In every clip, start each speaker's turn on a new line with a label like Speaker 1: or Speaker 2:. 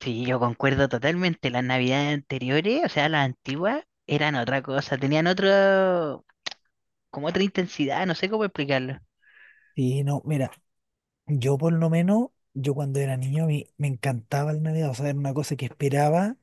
Speaker 1: Sí, yo concuerdo totalmente. Las navidades anteriores, o sea, las antiguas, eran otra cosa, como otra intensidad, no sé cómo explicarlo.
Speaker 2: Sí, no, mira, yo por lo menos, yo cuando era niño a mí me encantaba el Navidad, o sea, era una cosa que esperaba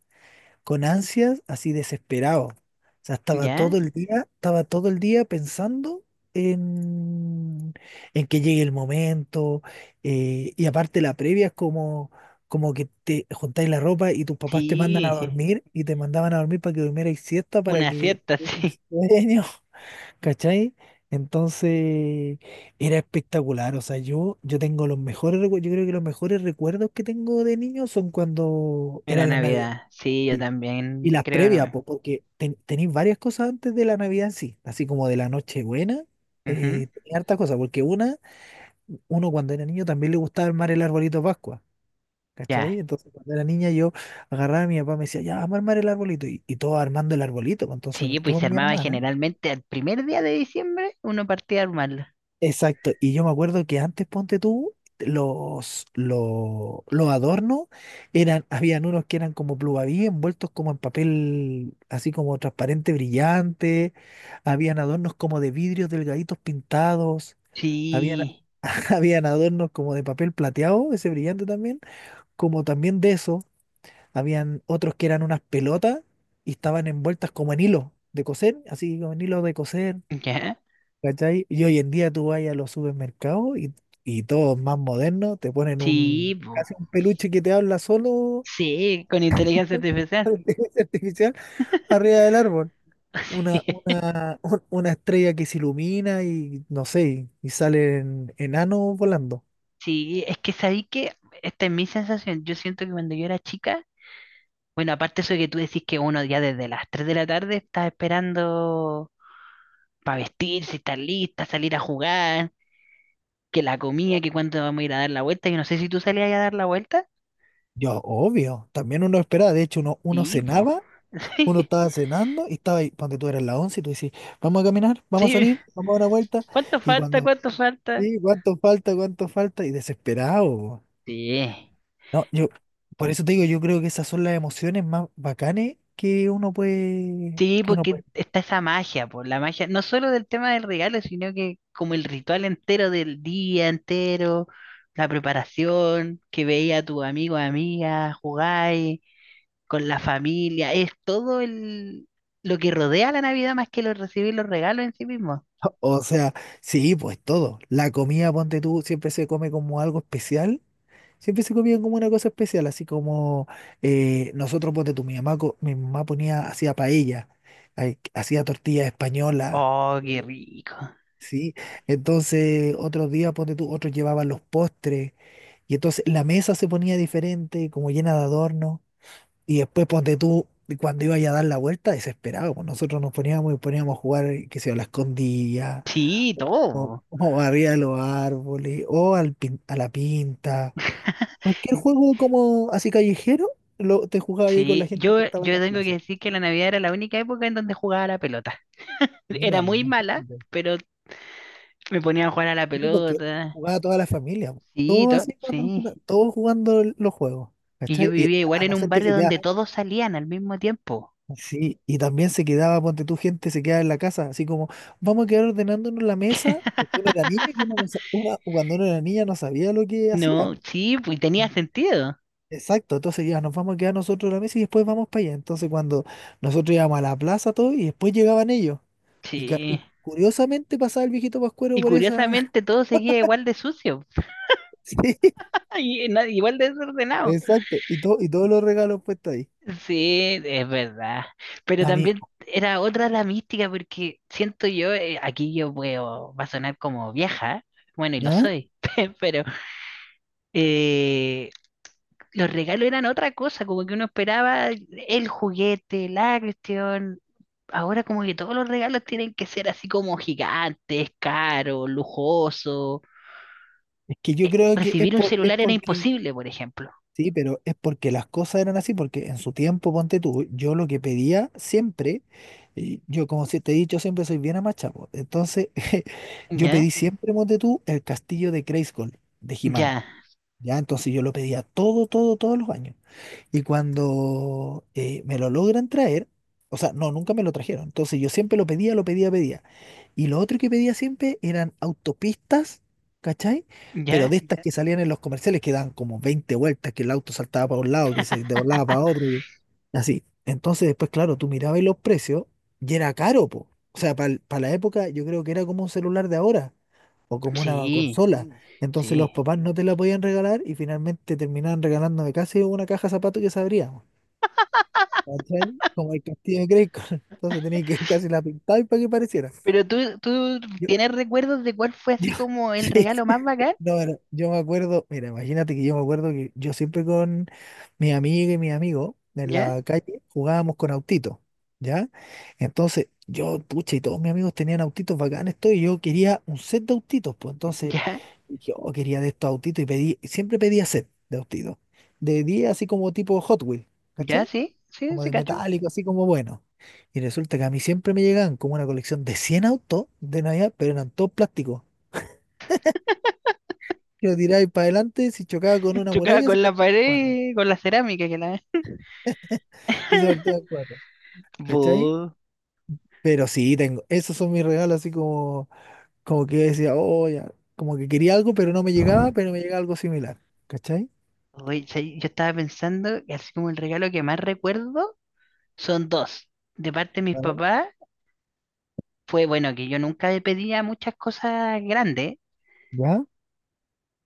Speaker 2: con ansias, así desesperado. O sea, estaba
Speaker 1: ¿Ya?
Speaker 2: todo el día, estaba todo el día pensando en, en que llegue el momento, y aparte la previa es como que te juntáis la ropa y tus papás te mandan a
Speaker 1: Sí,
Speaker 2: dormir y te mandaban a dormir para que durmierais siesta, para
Speaker 1: una
Speaker 2: que
Speaker 1: cierta, sí.
Speaker 2: tuvierais sueño. ¿Cachai? Entonces era espectacular. O sea, yo tengo los mejores recuerdos. Yo creo que los mejores recuerdos que tengo de niño son cuando era
Speaker 1: Era
Speaker 2: la Navidad.
Speaker 1: Navidad. Sí, yo
Speaker 2: Sí. Y
Speaker 1: también
Speaker 2: las
Speaker 1: creo, no
Speaker 2: previas,
Speaker 1: me.
Speaker 2: po, porque tenéis varias cosas antes de la Navidad, en sí. Así como de la Nochebuena,
Speaker 1: Ujú.
Speaker 2: tenía hartas cosas. Porque uno cuando era niño también le gustaba armar el arbolito de Pascua.
Speaker 1: Ya.
Speaker 2: ¿Cachai? Entonces cuando era niña yo agarraba a mi papá, me decía, ya, vamos a armar el arbolito. Y todos armando el arbolito, pues. Entonces
Speaker 1: Sí, pues
Speaker 2: todos
Speaker 1: se
Speaker 2: mis
Speaker 1: armaba
Speaker 2: hermanos.
Speaker 1: generalmente al primer día de diciembre, uno partía a armarlo.
Speaker 2: Exacto, y yo me acuerdo que antes, ponte tú, los adornos eran, habían unos que eran como pluvaví envueltos como en papel así como transparente brillante, habían adornos como de vidrios delgaditos pintados, habían,
Speaker 1: Sí,
Speaker 2: habían adornos como de papel plateado, ese brillante también, como también de eso, habían otros que eran unas pelotas y estaban envueltas como en hilo de coser, así como en hilo de coser.
Speaker 1: ya.
Speaker 2: ¿Cachai? Y hoy en día tú vas a los supermercados y todos más modernos te ponen
Speaker 1: Sí,
Speaker 2: un
Speaker 1: po.
Speaker 2: casi un peluche que te habla solo
Speaker 1: Sí, con inteligencia artificial.
Speaker 2: de inteligencia artificial arriba del árbol.
Speaker 1: Sí.
Speaker 2: Una estrella que se ilumina y no sé, y salen enanos volando.
Speaker 1: Sí, es que sabí que esta es mi sensación. Yo siento que cuando yo era chica, bueno, aparte eso de que tú decís que uno ya desde las 3 de la tarde está esperando para vestirse, estar lista, salir a jugar, que la comida, que cuándo vamos a ir a dar la vuelta. Yo no sé si tú salías a dar la vuelta.
Speaker 2: Yo, obvio, también uno esperaba, de hecho uno
Speaker 1: Sí, po.
Speaker 2: cenaba, uno estaba cenando y estaba ahí, cuando tú eras las 11 y tú decís, vamos a caminar, vamos a
Speaker 1: Sí, sí.
Speaker 2: salir, vamos a dar una vuelta,
Speaker 1: ¿Cuánto
Speaker 2: y
Speaker 1: falta?
Speaker 2: cuando,
Speaker 1: ¿Cuánto falta?
Speaker 2: sí, cuánto falta, y desesperado.
Speaker 1: Sí.
Speaker 2: No, yo, por eso te digo, yo creo que esas son las emociones más bacanes que uno puede,
Speaker 1: Sí,
Speaker 2: que uno
Speaker 1: porque
Speaker 2: puede.
Speaker 1: está esa magia, por la magia, no solo del tema del regalo, sino que como el ritual entero del día entero, la preparación, que veía a tu amigo, amiga, jugáis con la familia, es todo el lo que rodea la Navidad más que lo, recibir los regalos en sí mismo.
Speaker 2: O sea, sí, pues todo. La comida, ponte tú, siempre se come como algo especial. Siempre se comía como una cosa especial, así como nosotros, ponte tú, mi mamá ponía, hacía paella, ay, hacía tortilla española.
Speaker 1: Oh, qué
Speaker 2: eh,
Speaker 1: rico.
Speaker 2: Sí, entonces otros días, ponte tú, otros llevaban los postres y entonces la mesa se ponía diferente, como llena de adornos. Y después ponte tú, cuando iba ya a dar la vuelta, desesperado, pues nosotros nos poníamos y poníamos a jugar, qué sé yo, a la escondida,
Speaker 1: Sí, todo.
Speaker 2: o arriba de los árboles, o a la pinta. Cualquier juego como así callejero, te jugaba ahí con la
Speaker 1: Sí,
Speaker 2: gente
Speaker 1: yo,
Speaker 2: que estaba en
Speaker 1: yo
Speaker 2: las
Speaker 1: tengo que
Speaker 2: plazas.
Speaker 1: decir que la Navidad era la única época en donde jugaba a la pelota.
Speaker 2: Mira,
Speaker 1: Era
Speaker 2: pues,
Speaker 1: muy mala,
Speaker 2: imagínate.
Speaker 1: pero me ponía a jugar a la
Speaker 2: Sí, porque
Speaker 1: pelota.
Speaker 2: jugaba toda la familia, pues.
Speaker 1: Sí,
Speaker 2: Todos
Speaker 1: to-
Speaker 2: así,
Speaker 1: sí.
Speaker 2: todos jugando los juegos.
Speaker 1: Y yo
Speaker 2: ¿Cachai? Y
Speaker 1: vivía igual
Speaker 2: a
Speaker 1: en
Speaker 2: no
Speaker 1: un
Speaker 2: ser que
Speaker 1: barrio
Speaker 2: se queda,
Speaker 1: donde todos salían al mismo tiempo.
Speaker 2: sí, y también se quedaba, ponte tú, gente se quedaba en la casa, así como, vamos a quedar ordenándonos la mesa, porque uno era niño y uno no sa- uno- cuando uno era niña no sabía lo que hacía,
Speaker 1: No,
Speaker 2: po.
Speaker 1: sí, pues tenía
Speaker 2: En-
Speaker 1: sentido.
Speaker 2: Exacto, entonces ya nos vamos a quedar nosotros en la mesa y después vamos para allá. Entonces cuando nosotros íbamos a la plaza todo y después llegaban ellos. Y, ca-
Speaker 1: Sí.
Speaker 2: y curiosamente pasaba el viejito
Speaker 1: Y
Speaker 2: Pascuero por esa...
Speaker 1: curiosamente todo seguía igual de sucio.
Speaker 2: Sí,
Speaker 1: Igual de desordenado.
Speaker 2: exacto, y, todo, y todos los regalos puestos ahí.
Speaker 1: Sí, es verdad. Pero
Speaker 2: A mí,
Speaker 1: también era otra la mística porque siento yo, aquí yo puedo, va a sonar como vieja. Bueno, y lo
Speaker 2: ¿no?
Speaker 1: soy. Pero eh, los regalos eran otra cosa, como que uno esperaba el juguete, la cuestión. Ahora como que todos los regalos tienen que ser así como gigantes, caros, lujosos.
Speaker 2: Es que yo creo que es,
Speaker 1: Recibir un
Speaker 2: por, es
Speaker 1: celular era
Speaker 2: porque...
Speaker 1: imposible, por ejemplo.
Speaker 2: Sí, pero es porque las cosas eran así, porque en su tiempo, ponte tú, yo lo que pedía siempre, y yo como si te he dicho siempre soy bien amachado, entonces yo
Speaker 1: ¿Ya?
Speaker 2: pedí siempre, ponte tú, el castillo de Grayskull, de he
Speaker 1: ¿Ya?
Speaker 2: ¿Ya? Entonces yo lo pedía todo, todo, todos los años. Y cuando me lo logran traer, o sea, no, nunca me lo trajeron. Entonces yo siempre lo pedía, pedía. Y lo otro que pedía siempre eran autopistas, ¿cachai? Pero
Speaker 1: ¿Ya?
Speaker 2: de estas que salían en los comerciales que dan como 20 vueltas, que el auto saltaba para un lado, que se doblaba para otro, y así. Entonces después, claro, tú mirabas los precios y era caro, po. O sea, para la época yo creo que era como un celular de ahora o como una
Speaker 1: Sí,
Speaker 2: consola. Entonces los
Speaker 1: sí.
Speaker 2: papás no te la podían regalar y finalmente terminaban regalándome casi una caja de zapatos que se abría, weón. ¿Cachai? Como el castillo de Grayskull. Entonces tenía que casi la pintar para que pareciera.
Speaker 1: Pero tú
Speaker 2: Yo,
Speaker 1: tienes recuerdos de cuál fue
Speaker 2: Yo-
Speaker 1: así como el
Speaker 2: sí,
Speaker 1: regalo
Speaker 2: sí.
Speaker 1: más bacán,
Speaker 2: No, pero yo me acuerdo, mira, imagínate que yo me acuerdo que yo siempre con mi amiga y mi amigo en
Speaker 1: ¿ya?
Speaker 2: la calle jugábamos con autitos, ¿ya? Entonces, yo, pucha, y todos mis amigos tenían autitos bacanes, todo, y yo quería un set de autitos, pues entonces
Speaker 1: ¿Ya?
Speaker 2: yo quería de estos autitos y pedí, siempre pedía set de autitos, de 10 así como tipo Hot Wheels,
Speaker 1: ¿Ya?
Speaker 2: ¿cachai?
Speaker 1: ¿Sí? ¿Sí?
Speaker 2: Como
Speaker 1: ¿Sí,
Speaker 2: de
Speaker 1: cacho?
Speaker 2: metálico, así como bueno. Y resulta que a mí siempre me llegaban como una colección de 100 autos de Navidad, pero eran todos plásticos que lo tiráis para adelante, si chocaba con una
Speaker 1: Chocaba
Speaker 2: muralla, se
Speaker 1: con la
Speaker 2: partía en cuatro.
Speaker 1: pared, y con la cerámica que la...
Speaker 2: Y se partía en cuatro, ¿cachai?
Speaker 1: Bu.
Speaker 2: Pero sí, tengo, esos son mis regalos, así como, como que decía, oh, ya, como que quería algo, pero no me llegaba, pero me llegaba algo similar, ¿cachai?
Speaker 1: Oye, ¿sabes? Yo estaba pensando que así como el regalo que más recuerdo son dos. De parte de mis
Speaker 2: Vale.
Speaker 1: papás fue bueno que yo nunca le pedía muchas cosas grandes,
Speaker 2: ¿Ya?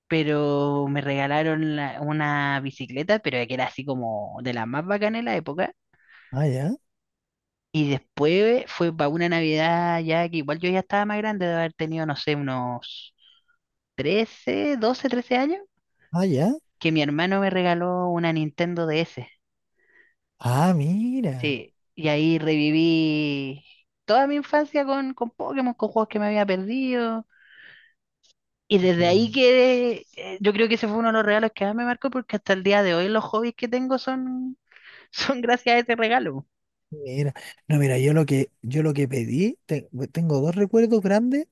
Speaker 1: pero me regalaron una bicicleta, pero que era así como de las más bacanas en la época.
Speaker 2: Ah, ya,
Speaker 1: Y después fue para una Navidad ya que igual yo ya estaba más grande de haber tenido, no sé, unos 13 12 13 años,
Speaker 2: ah, ya.
Speaker 1: que mi hermano me regaló una Nintendo DS.
Speaker 2: Ah, mira,
Speaker 1: Sí, y ahí reviví toda mi infancia con Pokémon, con juegos que me había perdido. Y desde
Speaker 2: qué
Speaker 1: ahí
Speaker 2: bueno.
Speaker 1: que yo creo que ese fue uno de los regalos que más me marcó porque hasta el día de hoy los hobbies que tengo son, son gracias a ese regalo.
Speaker 2: Mira, no, mira, yo lo que pedí, tengo dos recuerdos grandes,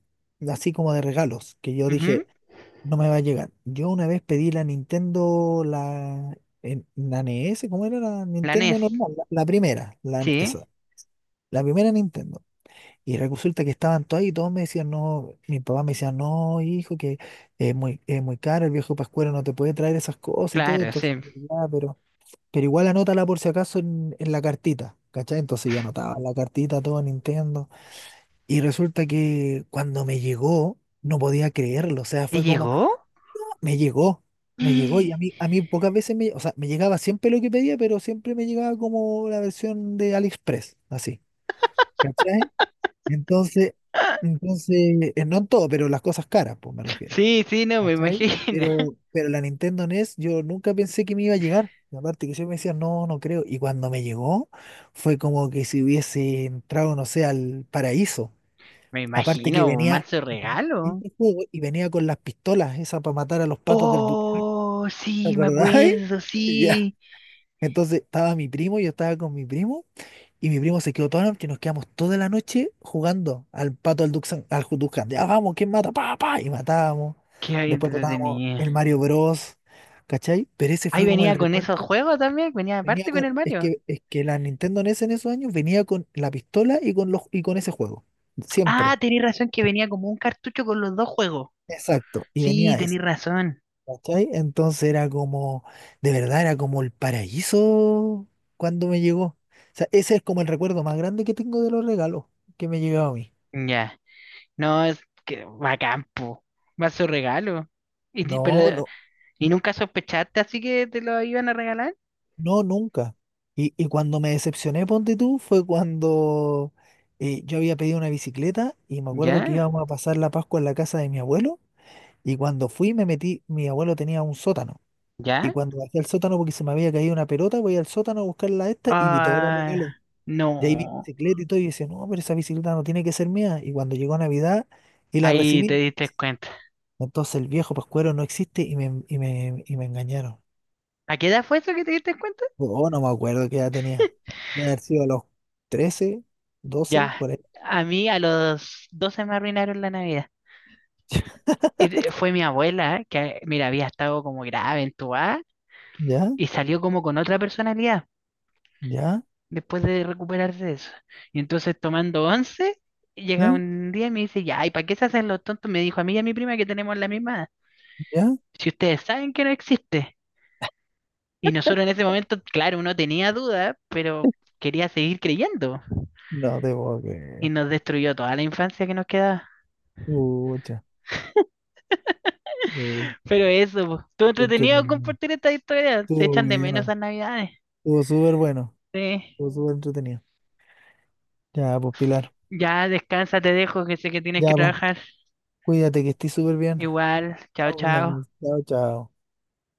Speaker 2: así como de regalos, que yo
Speaker 1: Ujú.
Speaker 2: dije, no me va a llegar. Yo una vez pedí la Nintendo, la NES, ¿cómo era la
Speaker 1: La
Speaker 2: Nintendo
Speaker 1: NES.
Speaker 2: normal? La primera,
Speaker 1: Sí,
Speaker 2: esa, la primera Nintendo. Y resulta que estaban todos ahí y todos me decían, no, mi papá me decía, no, hijo, que es muy caro, el viejo Pascuero no te puede traer esas cosas y todo,
Speaker 1: claro,
Speaker 2: entonces,
Speaker 1: sí.
Speaker 2: ya, pero igual anótala por si acaso en la cartita, ¿cachai? Entonces yo anotaba la cartita, todo Nintendo. Y resulta que cuando me llegó, no podía creerlo. O sea,
Speaker 1: ¿Te
Speaker 2: fue como,
Speaker 1: llegó?
Speaker 2: "Ah, me llegó, me llegó". Y a mí pocas veces me, o sea, me llegaba siempre lo que pedía, pero siempre me llegaba como la versión de AliExpress, así, ¿cachai? Entonces, entonces, no en todo, pero las cosas caras, pues me refiero.
Speaker 1: Sí, sí, no, me
Speaker 2: ¿Cachai?
Speaker 1: imagino.
Speaker 2: Pero la Nintendo NES yo nunca pensé que me iba a llegar. Y aparte que yo me decía, no, no creo. Y cuando me llegó, fue como que si hubiese entrado, no sé, al paraíso.
Speaker 1: Me
Speaker 2: Aparte que
Speaker 1: imagino, un
Speaker 2: venía
Speaker 1: manso
Speaker 2: venía
Speaker 1: regalo.
Speaker 2: este juego y venía con las pistolas, esas para matar a los patos del Duty.
Speaker 1: Oh,
Speaker 2: ¿Te
Speaker 1: sí, me
Speaker 2: acordáis?
Speaker 1: acuerdo,
Speaker 2: Ya.
Speaker 1: sí.
Speaker 2: Entonces estaba mi primo, yo estaba con mi primo. Y mi primo se quedó toda la noche, nos quedamos toda la noche jugando al pato al Duxan, Duxan. Ya vamos, ¿quién mata? Pa, pa, y matábamos.
Speaker 1: Qué
Speaker 2: Después tratábamos
Speaker 1: tenía.
Speaker 2: el Mario Bros. ¿Cachai? Pero ese
Speaker 1: Ahí
Speaker 2: fue como el
Speaker 1: venía con esos
Speaker 2: recuerdo.
Speaker 1: juegos también, venía
Speaker 2: Venía
Speaker 1: aparte con
Speaker 2: con,
Speaker 1: el Mario.
Speaker 2: es que la Nintendo NES en esos años venía con la pistola y con los, y con ese juego.
Speaker 1: Ah,
Speaker 2: Siempre.
Speaker 1: tenés razón que venía como un cartucho con los dos juegos.
Speaker 2: Exacto. Y
Speaker 1: Sí,
Speaker 2: venía
Speaker 1: tenés
Speaker 2: ese.
Speaker 1: razón.
Speaker 2: ¿Cachai? Entonces era como, de verdad, era como el paraíso cuando me llegó. O sea, ese es como el recuerdo más grande que tengo de los regalos que me llegó a mí.
Speaker 1: Ya. No, es que va a campo. Va a su regalo. Y, ti-
Speaker 2: No,
Speaker 1: pero,
Speaker 2: no,
Speaker 1: ¿Y nunca sospechaste así que te lo iban a regalar?
Speaker 2: no, nunca. Y cuando me decepcioné, ponte tú, fue cuando yo había pedido una bicicleta y me acuerdo que
Speaker 1: ¿Ya?
Speaker 2: íbamos a pasar la Pascua en la casa de mi abuelo y cuando fui me metí, mi abuelo tenía un sótano y
Speaker 1: ¿Ya?
Speaker 2: cuando bajé al sótano porque se me había caído una pelota, voy al sótano a buscar la esta y vi todos los
Speaker 1: Ah,
Speaker 2: regalos. Y ahí vi
Speaker 1: no.
Speaker 2: bicicleta y todo y decía, no, pero esa bicicleta no tiene que ser mía. Y cuando llegó Navidad y la
Speaker 1: Ahí te
Speaker 2: recibí,
Speaker 1: diste cuenta.
Speaker 2: entonces el viejo pascuero no existe y me engañaron.
Speaker 1: ¿A qué edad fue eso que te diste cuenta?
Speaker 2: Oh, no me acuerdo qué edad tenía. De haber sido a los 13 12
Speaker 1: Ya.
Speaker 2: por ahí.
Speaker 1: A mí a los 12 me arruinaron la Navidad. Fue mi abuela, que mira, había estado como grave, entubada,
Speaker 2: ¿Ya?
Speaker 1: y salió como con otra personalidad
Speaker 2: ¿Ya?
Speaker 1: después de recuperarse de eso. Y entonces tomando once, llega
Speaker 2: ¿Eh?
Speaker 1: un día y me dice, ya, ¿y para qué se hacen los tontos? Me dijo a mí y a mi prima que tenemos la misma edad.
Speaker 2: ¿Ya?
Speaker 1: Si ustedes saben que no existe. Y nosotros en ese momento, claro, uno tenía dudas, pero quería seguir creyendo.
Speaker 2: No te puedo
Speaker 1: Y
Speaker 2: creer.
Speaker 1: nos destruyó toda la infancia que nos quedaba.
Speaker 2: Pucha. Uh,
Speaker 1: Pero eso, po, estuvo
Speaker 2: qué
Speaker 1: entretenido
Speaker 2: entretenido.
Speaker 1: compartir esta historia. Se
Speaker 2: Estuvo
Speaker 1: echan de menos
Speaker 2: bueno.
Speaker 1: esas navidades.
Speaker 2: Estuvo súper bueno.
Speaker 1: Sí.
Speaker 2: Estuvo súper entretenido. Ya, pues, Pilar.
Speaker 1: Ya, descansa, te dejo, que sé que tienes
Speaker 2: Ya,
Speaker 1: que
Speaker 2: pues,
Speaker 1: trabajar.
Speaker 2: cuídate que estés súper bien.
Speaker 1: Igual, chao, chao.
Speaker 2: Chao, chao.